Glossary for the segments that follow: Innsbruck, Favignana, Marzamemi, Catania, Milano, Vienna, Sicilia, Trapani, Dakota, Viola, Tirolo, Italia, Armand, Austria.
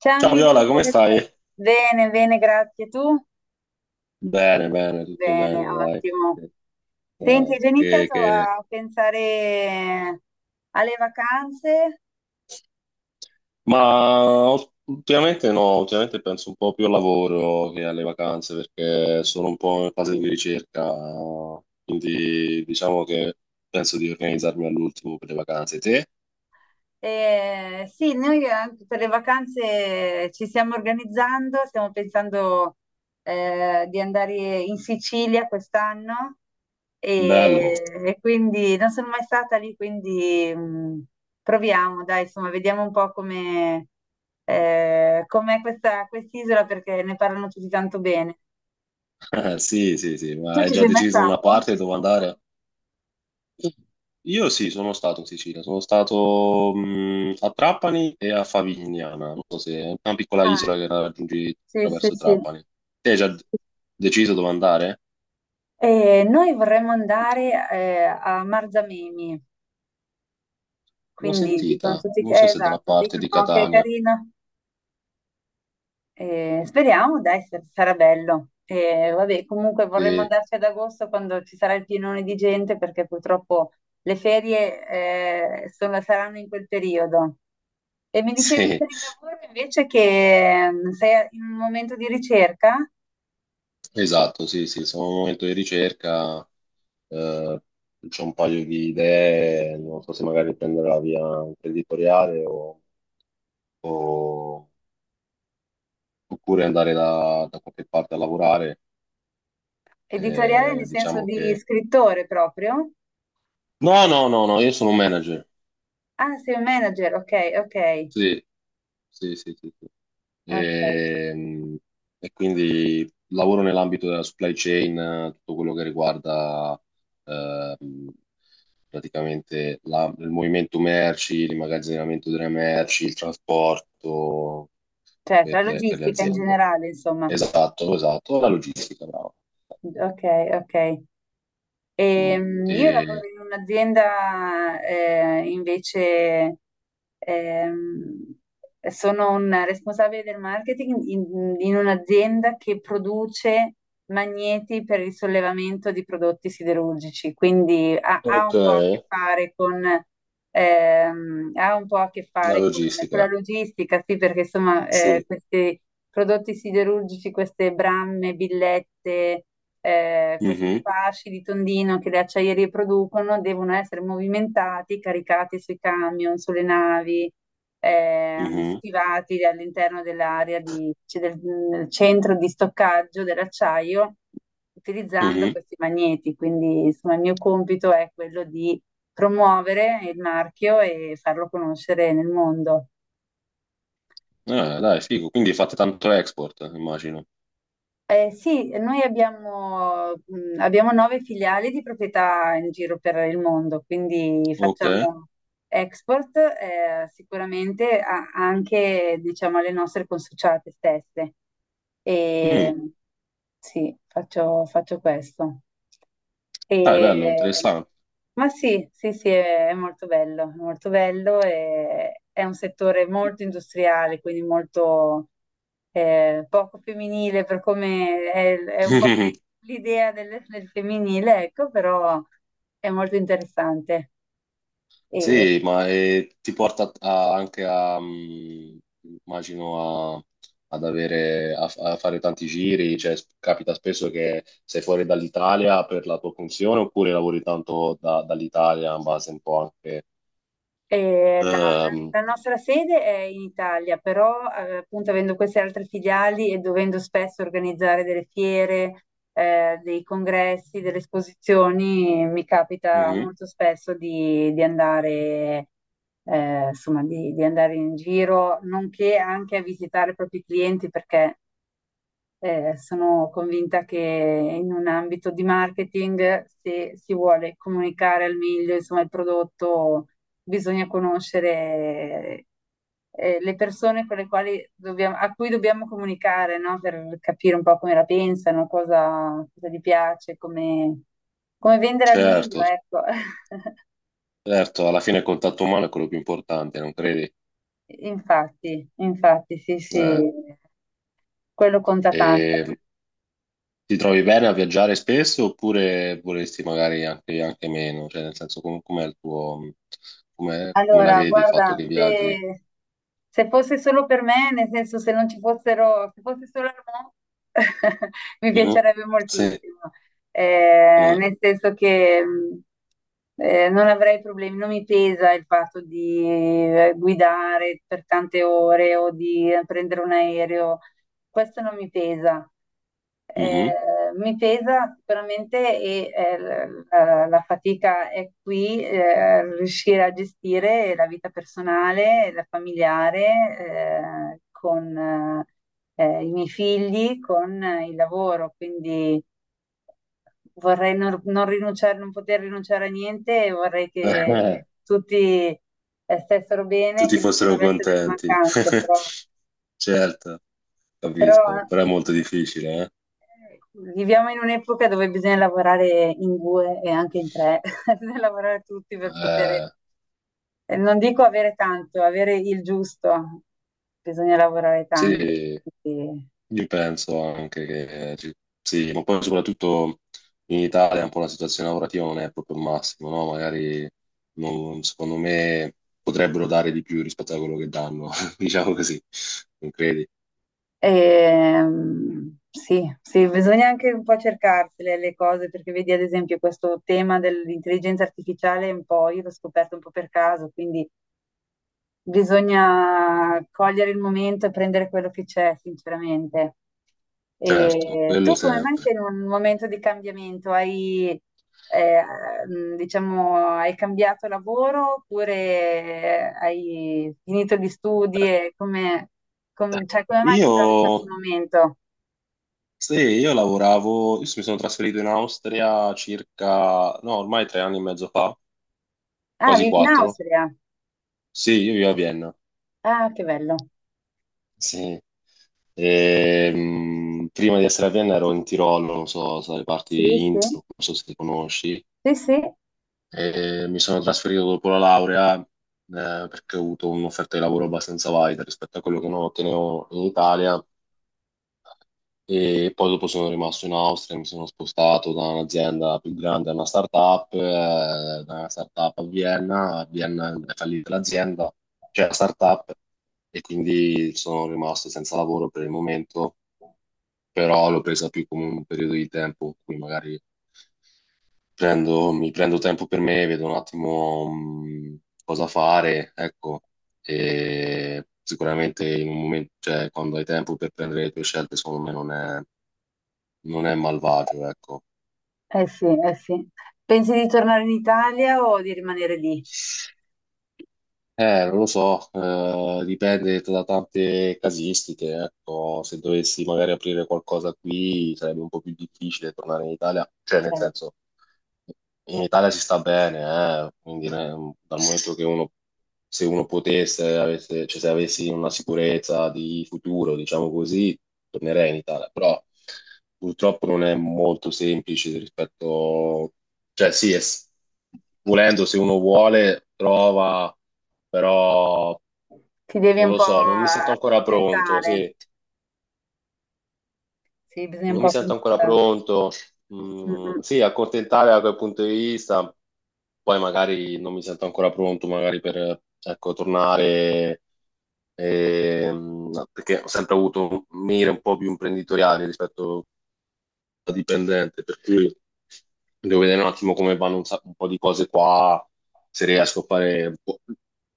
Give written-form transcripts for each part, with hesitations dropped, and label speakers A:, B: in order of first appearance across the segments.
A: Ciao
B: Ciao Viola,
A: Milù,
B: come
A: come
B: stai?
A: stai? Bene, bene, grazie. Tu?
B: Bene, bene, tutto
A: Bene,
B: bene, dai.
A: ottimo. Senti, hai
B: Dai,
A: già iniziato a pensare alle vacanze?
B: ma ultimamente no, ultimamente penso un po' più al lavoro che alle vacanze perché sono un po' in fase di ricerca, quindi diciamo che penso di organizzarmi all'ultimo per le vacanze. Te?
A: Sì, noi anche per le vacanze ci stiamo organizzando, stiamo pensando di andare in Sicilia quest'anno
B: Bello.
A: e quindi non sono mai stata lì, quindi proviamo, dai, insomma, vediamo un po' come com'è questa quest'isola perché ne parlano tutti tanto bene.
B: Sì, sì, sì, ma
A: Tu
B: hai
A: ci
B: già
A: sei mai
B: deciso una
A: stato?
B: parte dove andare? Io sì, sono stato in Sicilia, sono stato a Trapani e a Favignana, non so se è una piccola
A: Ah,
B: isola che raggiungi
A: sì, sì,
B: attraverso
A: sì.
B: Trapani. Te hai già deciso dove andare?
A: Noi vorremmo andare a Marzamemi.
B: L'ho
A: Quindi dicono
B: sentita,
A: tutti
B: non
A: che,
B: so se dalla
A: esatto,
B: parte di
A: dicono che è
B: Catania.
A: carina. Speriamo, dai, sarà bello. Vabbè, comunque vorremmo
B: Sì,
A: andarci ad agosto quando ci sarà il pienone di gente, perché purtroppo le ferie, saranno in quel periodo. E mi dicevi
B: sì,
A: per il lavoro invece che sei in un momento di ricerca
B: esatto, sì, sì, sono in un momento di ricerca, eh, c'ho un paio di idee, non so se magari prendere la via imprenditoriale o- oppure andare da qualche parte a lavorare.
A: editoriale, nel senso
B: Diciamo
A: di
B: che...
A: scrittore proprio?
B: No, no, no, no, io sono un manager.
A: Ah, sei un manager, ok, ok,
B: Sì, sì, sì, sì, sì.
A: ok.
B: Ehm, quindi lavoro nell'ambito della supply chain, tutto quello che riguarda ehm, praticamente il movimento merci, l'immagazzinamento delle merci, il trasporto
A: Cioè, tra
B: per le
A: logistica in
B: aziende.
A: generale, insomma.
B: Esatto, esatto, la logistica, bravo.
A: Ok, ok.
B: Mm.
A: Io
B: E-
A: lavoro in un'azienda invece, ehm, sono un responsabile del marketing in un'azienda che produce magneti per il sollevamento di prodotti siderurgici, quindi ha
B: Ok,
A: un po' a che
B: la
A: fare con, ha un po' a che fare con, la
B: logistica,
A: logistica, sì, perché insomma
B: sì.
A: questi prodotti siderurgici, queste bramme, billette questi
B: Mhm.
A: fasci di tondino che le acciaierie producono devono essere movimentati, caricati sui camion, sulle navi,
B: Mhm,
A: schivati all'interno dell'area cioè del centro di stoccaggio dell'acciaio utilizzando
B: mhm.
A: questi magneti. Quindi, insomma, il mio compito è quello di promuovere il marchio e farlo conoscere nel mondo.
B: Ah, dai, figo. Quindi fate tanto export, immagino.
A: Sì, noi abbiamo nove filiali di proprietà in giro per il mondo, quindi
B: Ok.
A: facciamo export, sicuramente anche, diciamo, alle nostre consociate stesse.
B: Mm.
A: E sì, faccio questo.
B: Dai,
A: E
B: bello, interessante.
A: ma sì, sì, sì, è molto bello, è molto bello e è un settore molto industriale, quindi molto poco femminile per come è un po' l'idea del femminile, ecco, però è molto interessante. E,
B: Sì, ma ti porta anche a, mm, immagino, ad avere, a, a fare tanti giri, cioè capita spesso che sei fuori dall'Italia per la tua funzione oppure lavori tanto dall'Italia in base un po' anche...
A: e la,
B: ehm,
A: la nostra sede è in Italia, però appunto avendo queste altre filiali e dovendo spesso organizzare delle fiere, dei congressi, delle esposizioni, mi capita
B: mhm.
A: molto spesso di, andare insomma, di andare in giro, nonché anche a visitare i propri clienti, perché sono convinta che in un ambito di marketing, se si vuole comunicare al meglio, insomma, il prodotto, bisogna conoscere le persone con le quali dobbiamo, a cui dobbiamo comunicare, no? Per capire un po' come la pensano, cosa, gli piace, come vendere al
B: Certo,
A: meglio, ecco.
B: certo, alla fine il contatto umano è quello più importante, non credi?
A: Infatti, infatti, sì,
B: Eh.
A: sì, quello conta tanto.
B: E ti trovi bene a viaggiare spesso oppure vorresti magari anche, anche meno? Cioè, nel senso, com'è il tuo, come la
A: Allora,
B: vedi il fatto
A: guarda,
B: che viaggi?
A: se fosse solo per me, nel senso se non ci fossero, se fosse solo Armand, mi
B: Mhm.
A: piacerebbe
B: Sì.
A: moltissimo.
B: Eh.
A: Nel senso che non avrei problemi, non mi pesa il fatto di guidare per tante ore o di prendere un aereo, questo non mi pesa.
B: Mhm.
A: Eh, mi pesa sicuramente e la fatica è qui, riuscire a gestire la vita personale, la familiare, con i miei figli, con il lavoro, quindi vorrei non rinunciare, non poter rinunciare a niente e vorrei che
B: Eh.
A: tutti stessero bene,
B: Tutti
A: che nessuno
B: fossero
A: avesse delle
B: contenti.
A: mancanze, però,
B: Certo,
A: però
B: capisco, però è molto difficile,
A: Viviamo in un'epoca dove bisogna lavorare in due e anche in tre, bisogna lavorare tutti per poter
B: eh?
A: non dico avere tanto, avere il giusto, bisogna lavorare tanto.
B: Sì.
A: quindi-
B: Io penso anche che sì, ma poi soprattutto in Italia un po' la situazione lavorativa non è proprio il massimo, no? Magari secondo me potrebbero dare di più rispetto a quello che danno, diciamo così, non credi?
A: sì, sì, bisogna anche un po' cercarsele le cose, perché vedi ad esempio questo tema dell'intelligenza artificiale, un po', io l'ho scoperto un po' per caso, quindi bisogna cogliere il momento e prendere quello che c'è, sinceramente.
B: Certo,
A: E
B: quello
A: tu come mai
B: sempre.
A: sei in un momento di cambiamento? Eh, diciamo, hai cambiato lavoro oppure hai finito gli studi? E come, cioè, come mai ti
B: Io,
A: trovi in questo momento?
B: sì, io lavoravo, io mi sono trasferito in Austria circa, no, ormai tre anni e mezzo fa,
A: Ah,
B: quasi
A: vivi in
B: quattro.
A: Austria?
B: Sì, io vivo a Vienna.
A: Ah, che bello.
B: Sì. Prima di essere a Vienna ero in Tirolo, non so, so le parti
A: Sì,
B: di
A: sì.
B: Innsbruck, non so se ti conosci.
A: Sì, sì,
B: E mi sono trasferito dopo la laurea, perché ho avuto un'offerta di lavoro abbastanza valida rispetto a quello che non ottenevo in Italia. E poi dopo sono rimasto in Austria, mi sono spostato da un'azienda più grande a una startup, da una startup a Vienna è fallita l'azienda, cioè la startup, e quindi sono rimasto senza lavoro per il momento, però l'ho presa più come un periodo di tempo in cui magari mi prendo tempo per me, vedo un attimo cosa fare, ecco, e sicuramente in un momento, cioè quando hai tempo per prendere le tue scelte, secondo me non è, non è malvagio, ecco.
A: eh sì, eh sì. Pensi di tornare in Italia o di rimanere lì?
B: Non lo so, dipende da tante casistiche, ecco, se dovessi magari aprire qualcosa qui sarebbe un po' più difficile tornare in Italia, cioè nel
A: Cioè,
B: senso, in Italia si sta bene, quindi dal momento che uno, se uno potesse, avesse, cioè se avessi una sicurezza di futuro, diciamo così, tornerei in Italia, però purtroppo non è molto semplice rispetto, cioè sì, volendo se uno vuole, trova però
A: ti devi
B: non
A: un
B: lo
A: po'
B: so, non mi sento ancora pronto,
A: accontentare,
B: sì,
A: sì, bisogna un
B: non
A: po'
B: mi sento ancora
A: accontentare.
B: pronto.
A: Mm,
B: Mm,
A: mm.
B: sì, accontentare da quel punto di vista, poi magari non mi sento ancora pronto, magari per, ecco, tornare, perché ho sempre avuto un mire un po' più imprenditoriale rispetto dipendente, per cui devo vedere un attimo come vanno un, un po' di cose qua, se riesco a fare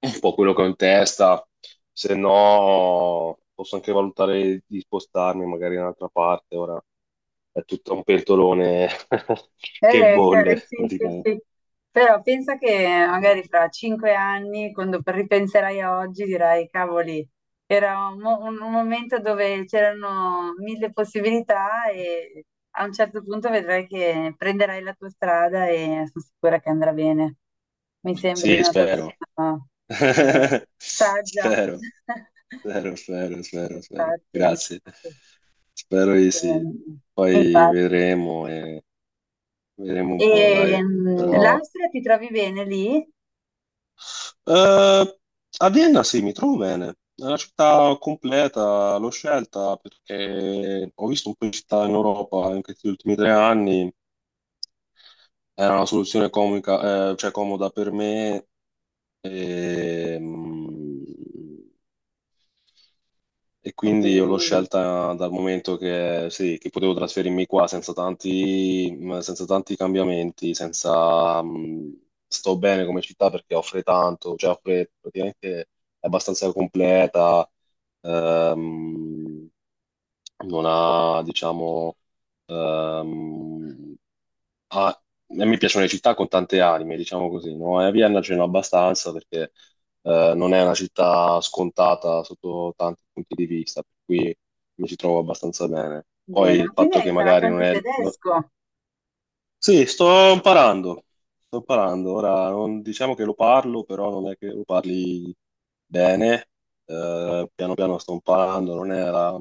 B: un po' quello che ho in testa, se no posso anche valutare di spostarmi magari in un'altra parte, ora è tutto un pentolone che bolle,
A: Sì, sì,
B: praticamente.
A: sì. Però pensa che magari fra 5 anni, quando ripenserai a oggi, dirai, cavoli, era un momento dove c'erano mille possibilità e a un certo punto vedrai che prenderai la tua strada e sono sicura che andrà bene. Mi sembri
B: Sì,
A: una
B: spero.
A: persona, eh, saggia.
B: Spero, spero, spero, spero, spero.
A: Infatti,
B: Grazie.
A: infatti.
B: Spero di sì.
A: Ehm,
B: Poi
A: infatti.
B: vedremo e vedremo un po', dai. Però...
A: L'Austria ti trovi bene lì?
B: eh, a Vienna sì, mi trovo bene. È una città completa, l'ho scelta perché ho visto un po' di città in Europa in questi ultimi tre anni. Era una soluzione comica, cioè comoda per me. E, E
A: E
B: quindi io
A: quindi
B: l'ho scelta dal momento che, sì, che potevo trasferirmi qua senza tanti, senza tanti cambiamenti, senza, sto bene come città perché offre tanto, cioè offre praticamente è abbastanza completa, ehm, non ha, diciamo, ehm, ah, a me piacciono le città con tante anime, diciamo così, no? E a Vienna ce n'è abbastanza perché non è una città scontata sotto tanti punti di vista, per cui mi ci trovo abbastanza bene. Poi
A: bene, ma
B: il
A: quindi
B: fatto
A: hai
B: che
A: imparato
B: magari
A: anche
B: non
A: il
B: è...
A: tedesco?
B: sì, sto imparando, sto imparando. Ora, non, diciamo che lo parlo, però non è che lo parli bene. Piano piano sto imparando, non è la,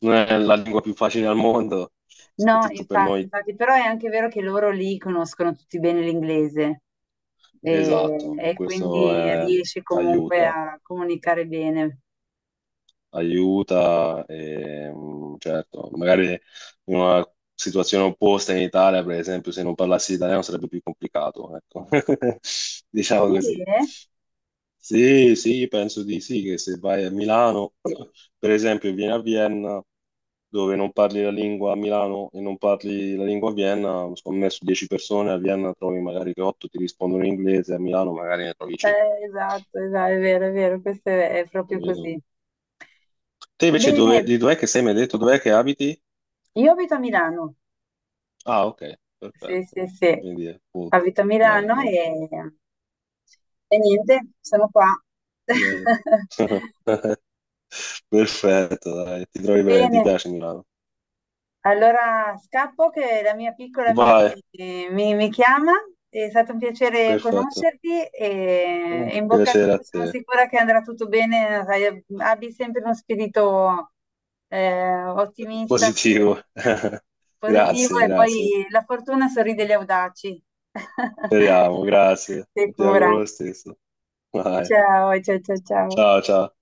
B: non è la lingua più facile al mondo,
A: No,
B: soprattutto per
A: infatti,
B: noi.
A: infatti, però è anche vero che loro lì conoscono tutti bene l'inglese e,
B: Esatto, e
A: e
B: questo
A: quindi riesci comunque
B: aiuta,
A: a comunicare bene.
B: aiuta e mm, certo, magari in una situazione opposta in Italia, per esempio, se non parlassi italiano sarebbe più complicato, ecco. Diciamo
A: Sì,
B: così.
A: eh?
B: Sì, sì, penso di sì, che se vai a Milano, per esempio, e vieni a Vienna, dove non parli la lingua a Milano e non parli la lingua a Vienna, secondo me su 10 persone a Vienna trovi magari che 8 ti rispondono in inglese, a Milano magari ne trovi 5.
A: Esatto, esatto, è vero, questo è proprio così.
B: Te invece dove,
A: Bene,
B: di dov'è che sei? Mi hai detto dov'è che abiti?
A: io abito a Milano.
B: Ah, ok,
A: Sì,
B: perfetto.
A: sì, sì.
B: Quindi è appunto.
A: Abito a
B: Bene,
A: Milano
B: dai.
A: e niente, sono qua.
B: Bene. Perfetto, dai, ti trovi bene, ti
A: Bene,
B: piace Milano.
A: allora scappo che la mia piccola
B: Vai,
A: mi chiama. È stato un piacere
B: perfetto.
A: conoscerti e,
B: Un
A: e in bocca al
B: piacere a
A: lupo, sono
B: te.
A: sicura che andrà tutto bene. Sai, abbi sempre uno spirito ottimista,
B: Positivo.
A: positivo
B: Grazie,
A: e
B: grazie.
A: poi la fortuna sorride agli audaci.
B: Speriamo, grazie. Ti
A: Sicura.
B: auguro lo stesso. Vai.
A: Ciao, ciao, ciao, ciao.
B: Ciao, ciao.